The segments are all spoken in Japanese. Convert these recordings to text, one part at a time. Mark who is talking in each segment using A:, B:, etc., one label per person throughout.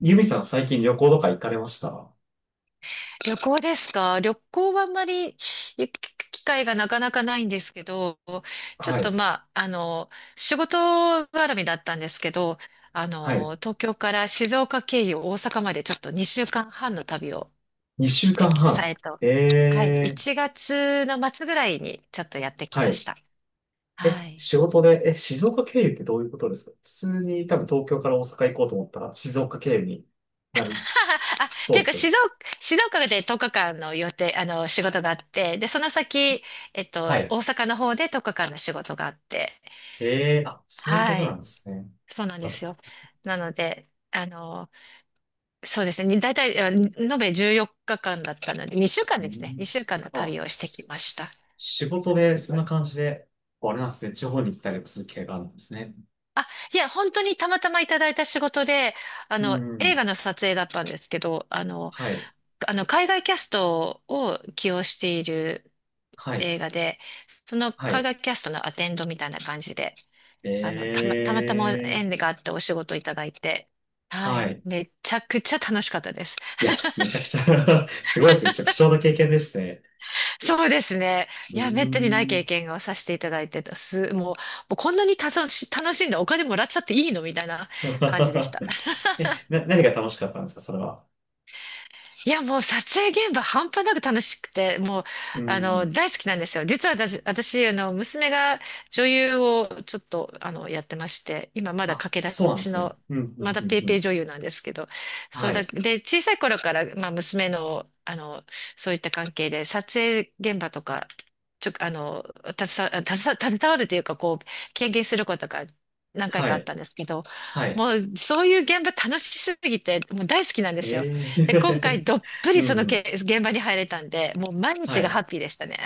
A: ユミさん最近旅行とか行かれました？
B: 旅行ですか？旅行はあんまり行く機会がなかなかないんですけど、ちょっ
A: は
B: と、
A: い。
B: まあ、仕事絡みだったんですけど、
A: はい。
B: 東京から静岡経由大阪までちょっと2週間半の旅を
A: 2
B: し
A: 週
B: て
A: 間
B: き、さ
A: 半。
B: えと、はい、
A: え
B: 1
A: え、
B: 月の末ぐらいにちょっとやってき
A: は
B: ま
A: い。
B: した。は
A: え、
B: い。
A: 仕事で、え、静岡経由ってどういうことですか？普通に多分東京から大阪行こうと思ったら静岡経由になり
B: あ、っ
A: そう
B: ていう
A: で
B: か、
A: す。
B: 静岡で10日間の予定、仕事があって、で、その先、
A: はい。
B: 大阪の方で10日間の仕事があって、
A: えー、あ、そういうこ
B: は
A: となん
B: い。
A: ですね。
B: そうなん
A: う
B: ですよ。なので、そうですね。大体、延べ14日間だったので、2週間ですね。
A: ん、
B: 2週間の
A: あ、
B: 旅をしてき
A: そ
B: ま
A: うで
B: し
A: す。
B: た。
A: 仕事でそんな感じで、こうあれなんですね。地方に行ったりもする系があるんですね。
B: あ、いや、本当にたまたまいただいた仕事で、
A: う
B: 映
A: ん。
B: 画の撮影だったんですけど、
A: はい。
B: 海外キャストを起用している
A: はい。
B: 映画で、その
A: は
B: 海
A: い。
B: 外キャストのアテンドみたいな感じで、
A: え
B: たまたま
A: え、
B: 縁があってお仕事いただいて、は
A: は
B: い、
A: い。
B: めちゃくちゃ楽しかったです。
A: いや、めちゃくちゃ すごいですね。ちょっと貴重な経験ですね。
B: そうですね。
A: う
B: い
A: ー
B: や、めったにない
A: ん。
B: 経験をさせていただいてたす。もうこんなに楽しんでお金もらっちゃっていいのみたいな感じでした。
A: え、何が楽しかったんですか、それは。
B: いや、もう撮影現場半端なく楽しくて、もう、
A: う
B: あの、
A: ん。
B: 大好きなんですよ。実は私娘が女優をちょっと、やってまして、今まだ
A: あ、
B: 駆け
A: そう
B: 出
A: なんで
B: し
A: すね。
B: の、
A: うん、う
B: ま
A: ん、
B: だ
A: うん、
B: ペー
A: う
B: ペー
A: ん。
B: 女優なんですけど、そ
A: は
B: うだ、
A: い。
B: で、小さい頃から、まあ、娘の、そういった関係で、撮影現場とか、ちょ、あの、携わ、携わ携わるというか、こう、経験することが何回
A: は
B: かあっ
A: い。
B: たんですけど、
A: はい。
B: もう、そういう現場楽しすぎて、もう大好きなんですよ。
A: え
B: で、今
A: え
B: 回どっぷ
A: う
B: りそ
A: ん、
B: の
A: うん。
B: 現場に入れたんで、もう毎
A: は
B: 日が
A: い。
B: ハッピーでしたね。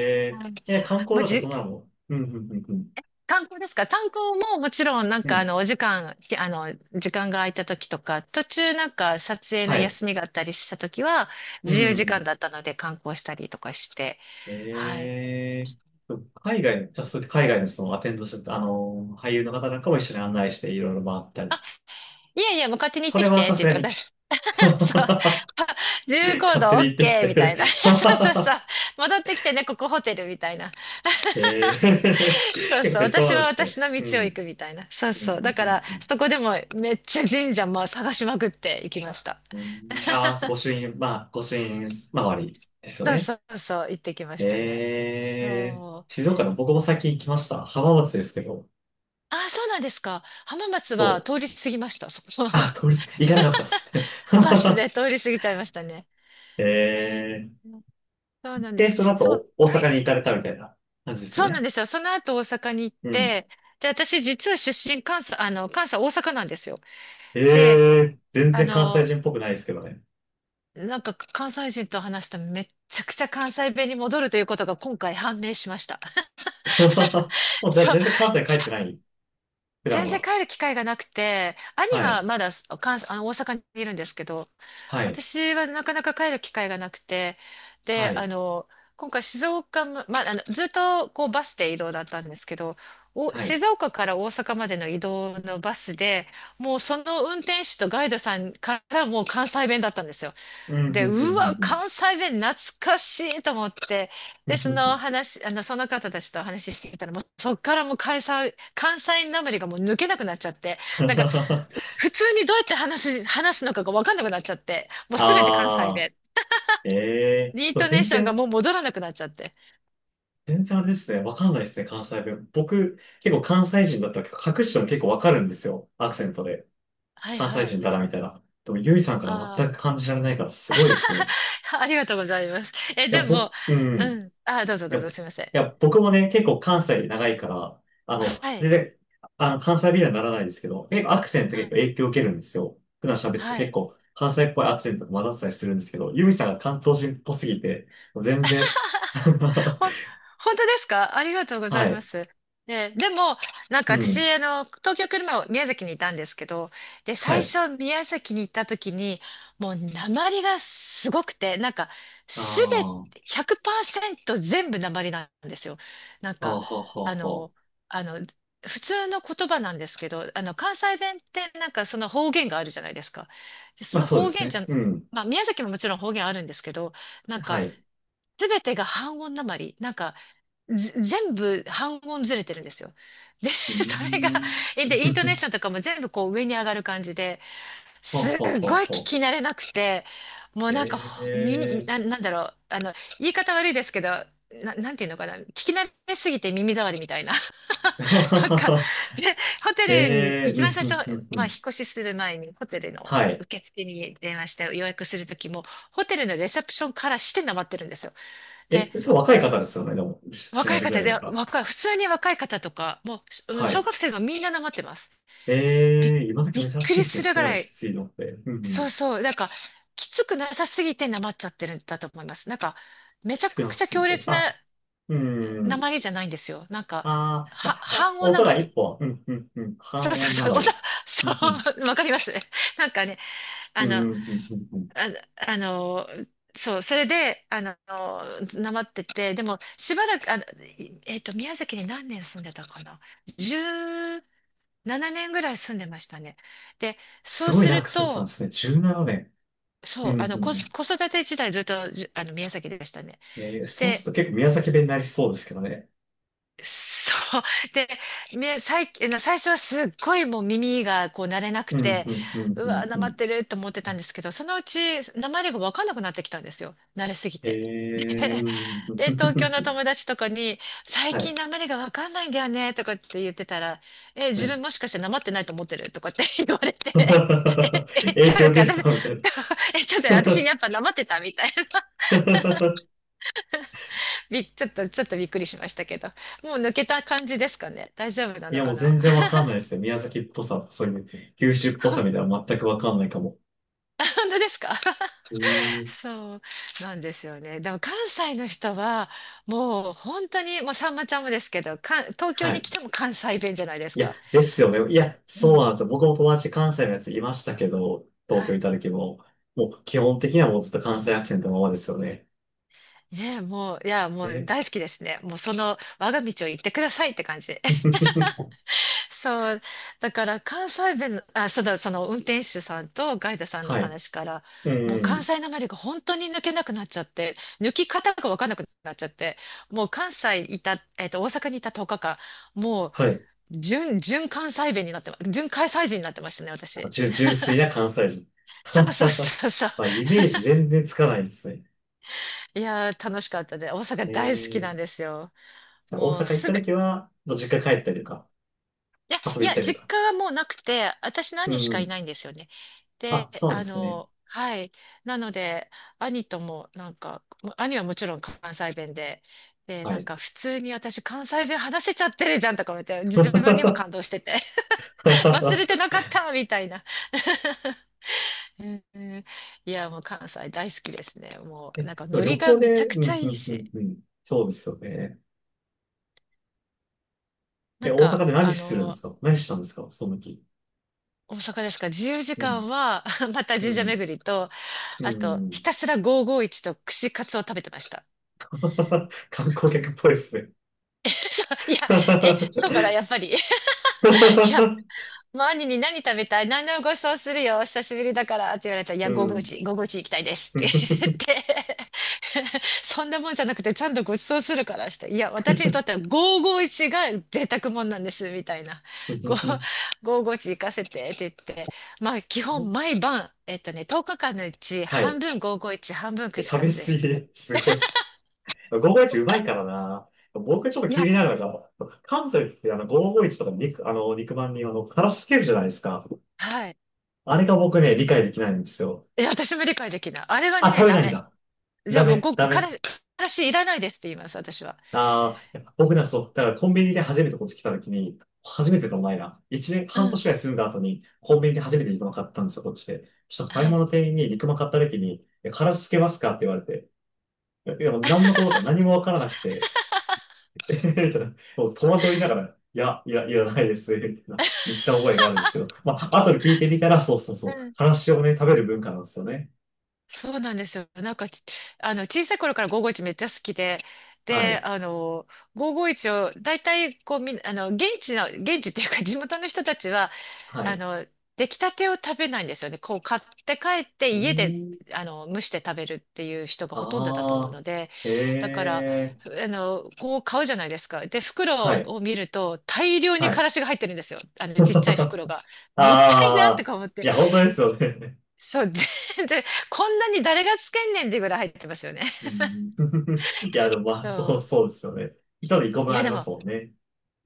B: はい。
A: ええ、観光
B: もう
A: とかそ
B: じ、
A: んなのも。うん、うん、うん、うん。
B: 観光ですか？観光ももちろん、なん
A: う
B: かあ
A: ん。
B: のお時間、きあの、時間が空いた時とか、途中なんか撮影
A: は
B: の
A: い。
B: 休みがあったりした時は、
A: う
B: 自由時間
A: ん。
B: だったので観光したりとかして、は
A: え
B: い。
A: え、海外の、じゃあそうやって海外のそのアテンドしてた、あの、俳優の方なんかも一緒に案内していろいろ回ったり。
B: いやいや、もう勝手に行っ
A: そ
B: て
A: れ
B: き
A: は
B: て
A: さ
B: って言
A: すが
B: ったら、
A: に。
B: そう、
A: 勝
B: 自由行
A: 手
B: 動
A: に言ってき
B: OK
A: て
B: みた いな。そうそうそう。戻ってきてね、ここホテルみたいな。
A: えー
B: そ う
A: 結構
B: そう。
A: 適当
B: 私
A: なん
B: は
A: ですね。
B: 私の
A: う
B: 道を行
A: ん。
B: くみたいな。そう
A: う
B: そ
A: ん、
B: う。だ
A: う
B: か
A: ん、
B: ら、
A: うん
B: そこでもめっちゃ神社も探しまくって行きました。
A: うん。ああー、ご朱印、まあ、ご朱印周りですよ
B: そうそ
A: ね。
B: うそう。行ってきましたね。
A: え
B: そ
A: ー、
B: う。
A: 静岡の僕も最近行きました。浜松ですけど。
B: あ、そうなんですか。浜松
A: そ
B: は
A: う。
B: 通り過ぎました。そこ。
A: あ、通りす、行かなかったっすね。
B: バスで通り過ぎちゃいましたね。えー
A: えー、
B: そうなんで
A: で、
B: す。
A: その後、
B: そう。
A: お大
B: は
A: 阪
B: い。
A: に行かれたみたいな感じですよ
B: そうなん
A: ね。
B: ですよ。その後大阪に行っ
A: うん。
B: て、で、私実は出身関西、あの、関西大阪なんですよ。
A: え
B: で、
A: ー、全
B: あ
A: 然関西
B: の、
A: 人っぽくないですけどね。
B: なんか関西人と話したらめっちゃくちゃ関西弁に戻るということが今回判明しました。
A: もう じゃあ
B: そう、
A: 全然関西帰ってない、普段
B: 全然
A: は。
B: 帰る機会がなくて、兄
A: はい、
B: はまだ関あの大阪にいるんですけど、
A: はい、
B: 私はなかなか帰る機会がなくて、
A: は
B: で、
A: い、
B: 今回静岡ま、まあ、ずっとこうバスで移動だったんですけど、
A: はい。
B: 静岡から大阪までの移動のバスで、もうその運転手とガイドさんからもう関西弁だったんですよ。
A: うん、うん、
B: で、うわ、
A: うん、
B: 関西弁懐かしいと思って、
A: う
B: で、
A: ん。
B: そ
A: う
B: の
A: ん、
B: 話、あの、その方たちと話してたら、もうそっからもう関西なまりがもう抜けなくなっちゃって、なんか、普通にどうやって話すのかがわかんなくなっちゃって、もうすべて関西
A: あ あ
B: 弁。
A: ー、ええ
B: イン
A: ー、
B: トネー
A: 全
B: ションが
A: 然、
B: もう戻らなくなっちゃって。
A: 全然あれですね。わかんないですね、関西弁。僕、結構関西人だったら隠しても結構わかるんですよ。アクセントで。
B: はい
A: 関西
B: はい。
A: 人だな、みたいな。でも、ゆいさんから
B: あ
A: 全く感じられないから、すごいですね。
B: あ、ありがとうございます。え、
A: いや、
B: でも、
A: 僕、うん。
B: うん。あ、どうぞ
A: い
B: どう
A: や、い
B: ぞ、すいません。
A: や、僕もね、結構関西で長いから、あの、
B: は
A: 全
B: い。
A: 然、あの、関西弁にはならないですけど、結構アクセント
B: は
A: 結
B: い。
A: 構影響を受けるんですよ。普段喋ってたら
B: は
A: 結
B: い。
A: 構関西っぽいアクセントが混ざってたりするんですけど、ユミさんが関東人っぽすぎて、全然
B: ほ、本当ですか？ありがとうござ
A: は
B: いま
A: い。
B: す。ね、でも、なん
A: う
B: か私、
A: ん。
B: 東京来る前は宮崎にいたんですけど、で、
A: は
B: 最
A: い。
B: 初宮崎に行った時に、もう鉛がすごくて、なんか、
A: あ
B: すべて、
A: ー
B: 100%全部鉛なんですよ。なん
A: あー、は
B: か、
A: は
B: あ
A: はは。
B: の、あの、普通の言葉なんですけど、関西弁ってなんかその方言があるじゃないですか。でそ
A: まあ
B: の
A: そうで
B: 方
A: す
B: 言じ
A: ね。
B: ゃん、
A: うん。
B: まあ宮崎ももちろん方言あるんですけど、なん
A: は
B: か、
A: い。
B: すべてが半音鉛。なんか、ぜ全部半音ずれてるんですよ。で、
A: うー
B: それが、
A: ん。
B: で、イントネーシ ョンとかも全部こう上に上がる感じで、
A: は
B: すっ
A: はは
B: ごい聞
A: は。
B: き慣れなくて、もうなんか、ほ
A: ええ
B: 耳な、
A: ー。
B: なんだろう、言い方悪いですけど、なんていうのかな、聞き慣れすぎて耳障りみたいな。なんか、で、ホ
A: え
B: テルに、
A: えー、
B: 一
A: う
B: 番
A: ん、
B: 最
A: う
B: 初、
A: ん、うん、う
B: まあ、引っ
A: ん。
B: 越しする前に、ホテルの
A: はい。
B: 受付に電話して予約するときも、ホテルのレセプションからしてなまってるんですよ。
A: え、それ若い方ですよね、でも。一緒に
B: 若
A: や
B: い
A: るぐら
B: 方
A: い
B: で、
A: だから。
B: 普通に若い方とか、もう、
A: は
B: 小
A: い。
B: 学生がみんななまってます。びっ、
A: えー、今時
B: びっ
A: 珍
B: く
A: しい
B: り
A: ですね、
B: す
A: そ
B: る
A: こ
B: ぐ
A: まで
B: ら
A: き
B: い、
A: ついのって。うんう
B: そう
A: ん。
B: そう、なんか、きつくなさすぎてなまっちゃってるんだと思います。なんか、めち
A: き
B: ゃ
A: つくな
B: く
A: さ
B: ちゃ
A: すぎ
B: 強
A: て。
B: 烈な
A: あ、う
B: な
A: ん。
B: まりじゃないんですよ。なんか、
A: あー、あ、あ
B: 半音
A: お
B: なま
A: 互い
B: り。
A: 一本。うんうんうん。半
B: そうそう
A: 音な
B: そう、
A: まり。う
B: そ
A: んうん。
B: う、わかります。なんかね、あ
A: うん
B: の、あ、
A: うんうんうんうん。
B: あの、そう、それで、なまってて、でも、しばらく、あの、いえっと、宮崎に何年住んでたかな。じゅう7年ぐらい住んでましたね。で、そ
A: す
B: う
A: ごい
B: す
A: 長
B: る
A: く住んでたんで
B: と、
A: すね。17年。う
B: そう、
A: んうんうん。
B: 子育て時代ずっと、じあの、宮崎でしたね。
A: えー、そうする
B: で、
A: と結構宮崎弁になりそうですけどね。
B: そう、で、み最、あの最初はすっごいもう耳がこう慣れなく
A: うん
B: て、
A: うんうん
B: う
A: う
B: わ、
A: ん
B: な
A: う
B: ま
A: ん。
B: ってると思ってたんですけど、そのうち、なまりがわかんなくなってきたんですよ。慣れすぎ
A: え
B: て。で
A: ー、うんうん
B: で、
A: うん
B: 東
A: う
B: 京の友
A: ん
B: 達とかに、最
A: は
B: 近
A: い。
B: なまりがわかんないんだよね、とかって言ってたら、え、
A: は
B: 自
A: い
B: 分もしかしてなまってないと思ってるとかって 言われて、え、ちょ
A: 影
B: っと待
A: 響
B: って、
A: ゲ
B: 私、
A: ストみたい
B: え、ちょっと私やっぱなまってたみたいな。
A: な。
B: び、ちょっと、ちょっとびっくりしましたけど。もう抜けた感じですかね。大丈夫な
A: い
B: の
A: や、も
B: か
A: う
B: な？
A: 全 然わかんないですね。宮崎っぽさ、そういう九州っぽさみたいなの全くわかんないかも。
B: 本当ですか？
A: うーん。
B: そうなんですよね。でも関西の人は、もう本当に、もうさんまちゃんもですけど、東京
A: は
B: に
A: い。
B: 来ても関西弁じゃないで
A: い
B: す
A: や、
B: か。
A: ですよね。いや、
B: う
A: そう
B: ん。
A: なんですよ。僕も友達関西のやついましたけど、東
B: は
A: 京い
B: い。
A: た時も、もう基本的にはもうずっと関西アクセントのままですよね。
B: ねえ、もう、いや、もう
A: え
B: 大好きですね。もうその我が道を行ってくださいって感じで。そう、だから関西弁の、あ、そうだ、その運転手さんとガイドさんの
A: はい。
B: 話から、
A: う
B: もう関
A: ん。
B: 西なまりが本当に抜けなくなっちゃって、抜き方がわかんなくなっちゃって、もう関西いた、えっと、大阪にいた10日間、もう
A: はい。
B: 純関西弁になってま、純関西人になってましたね、私。
A: 純粋な関西人。
B: そう そうそうそう。
A: まあ、イメージ全然つかないですね。
B: いやー、楽しかったで、大阪
A: え
B: 大好きな
A: ー、
B: んですよ。
A: じゃあ大
B: もう
A: 阪行っ
B: す
A: た
B: べ、
A: 時は、もう実家帰ったりとか、
B: いや、
A: 遊
B: い
A: び行っ
B: や、
A: たりと
B: 実
A: か。
B: 家はもうなくて、私の
A: う
B: 兄しかい
A: ん。
B: ないんですよね。
A: あ、
B: で、
A: そうなんですね。
B: はい。なので、兄とも、なんか、兄はもちろん関西弁で、で、
A: は
B: なん
A: い。
B: か、普通に私、関西弁話せちゃってるじゃんとか思って、自分 にも感動してて、忘れてなかったみたいな。うんうん。いや、もう関西大好きですね。もう、
A: え、
B: なんか、ノ
A: 旅
B: リが
A: 行
B: めち
A: で、
B: ゃく
A: う
B: ちゃ
A: ん、う
B: いい
A: ん、う
B: し、
A: ん、うん。そうですよね。
B: な
A: え、
B: ん
A: 大
B: か、
A: 阪で何するんですか何したんですかその時。
B: 大阪ですか？自由時
A: うん、
B: 間は また神
A: う
B: 社
A: ん、
B: 巡りと、
A: う
B: あと、ひ
A: ん。
B: たすら551と串カツを食べてました。
A: 観光客っぽいですね。
B: そういや、え、そうかな、や っぱり。いや、もう兄に、何食べたい、何でもごちそうするよ、久しぶりだからって言われたら、いや、
A: うん。
B: 551、551行きたいですって言って、そんなもんじゃなくて、ちゃんとごちそうするからして、いや、私にとっては551が贅沢もんなんです、みたいな。ご 551行かせてって言って、まあ、基本毎晩、10日間のうち
A: は
B: 半
A: い。
B: 分551、半分
A: え、
B: 串
A: 食
B: カ
A: べ
B: ツで
A: 過
B: した。
A: ぎ、すごい。551うまいからな。僕ちょっと
B: い
A: 気
B: や、
A: になるのが、関西ってあの551とか肉、あの肉まんにあの、からしつけるじゃないですか。
B: はい。
A: あれが僕ね、理解できないんですよ。
B: いや、私も理解できない。あれは
A: あ、
B: ね、
A: 食べ
B: ダ
A: ないん
B: メ。
A: だ。
B: じゃ
A: ダ
B: あもう
A: メ、
B: ご
A: ダ
B: く、から
A: メ。
B: し、からしいらないですって言います、私は。
A: ああ、いや僕なんかそう、だからコンビニで初めてこっち来た時に、初めてのお前な。一年、
B: う
A: 半年
B: ん。
A: ぐらい住んだ後に、コンビニで初めて肉まん買ったんですよ、こっちで。そしたら買い
B: は
A: 物
B: い。
A: の店員に肉まん買った時に、殻つけますかって言われて、いや、いやもう何のことか何もわからなくて、えへへみたいな、もう戸惑いながら、いや、いや、いらないです、みたいな、言った覚えがあるんですけど、まあ、後で聞いてみたら、そうそうそ
B: う
A: う、
B: ん。
A: からしをね、食べる文化なんですよね。
B: そうなんですよ。なんかち、あの、小さい頃から551めっちゃ好きで、
A: は
B: で、
A: い。
B: 551を、大体、こう、みん、あの、現地の、現地っていうか、地元の人たちは、
A: は
B: あ
A: い。
B: の、出来たてを食べないんですよね。こう買って帰って
A: うー
B: 家で
A: ん。
B: 蒸して食べるっていう人がほとんどだと思う
A: あ
B: ので、
A: あ、
B: だか
A: え
B: ら
A: え、
B: こう買うじゃないですか。で、
A: は
B: 袋
A: い。
B: を見ると大量に
A: は
B: か
A: い。
B: らしが入ってるんですよ。あのちっちゃい袋が。もったいなって
A: ああ、
B: か思っ
A: い
B: て。
A: や、本当ですよね。
B: そう、全然こんなに誰がつけんねんってぐらい入ってますよね。
A: うん、いや、でもまあ、
B: そ
A: そう、そ
B: う。
A: うですよね。一人一個
B: い
A: 分あ
B: や、
A: り
B: で
A: ます
B: も
A: もんね。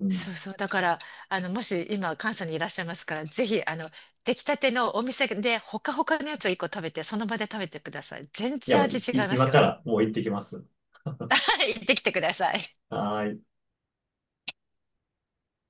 A: うん。
B: そうそう。だから、もし今、関西にいらっしゃいますから、ぜひ、出来たてのお店で、ほかほかのやつを一個食べて、その場で食べてください。全
A: いや、
B: 然
A: もう
B: 味
A: い、
B: 違
A: い
B: いま
A: 今
B: す
A: か
B: よ。
A: らもう行ってきます。
B: はい、行ってきてください。
A: はーい。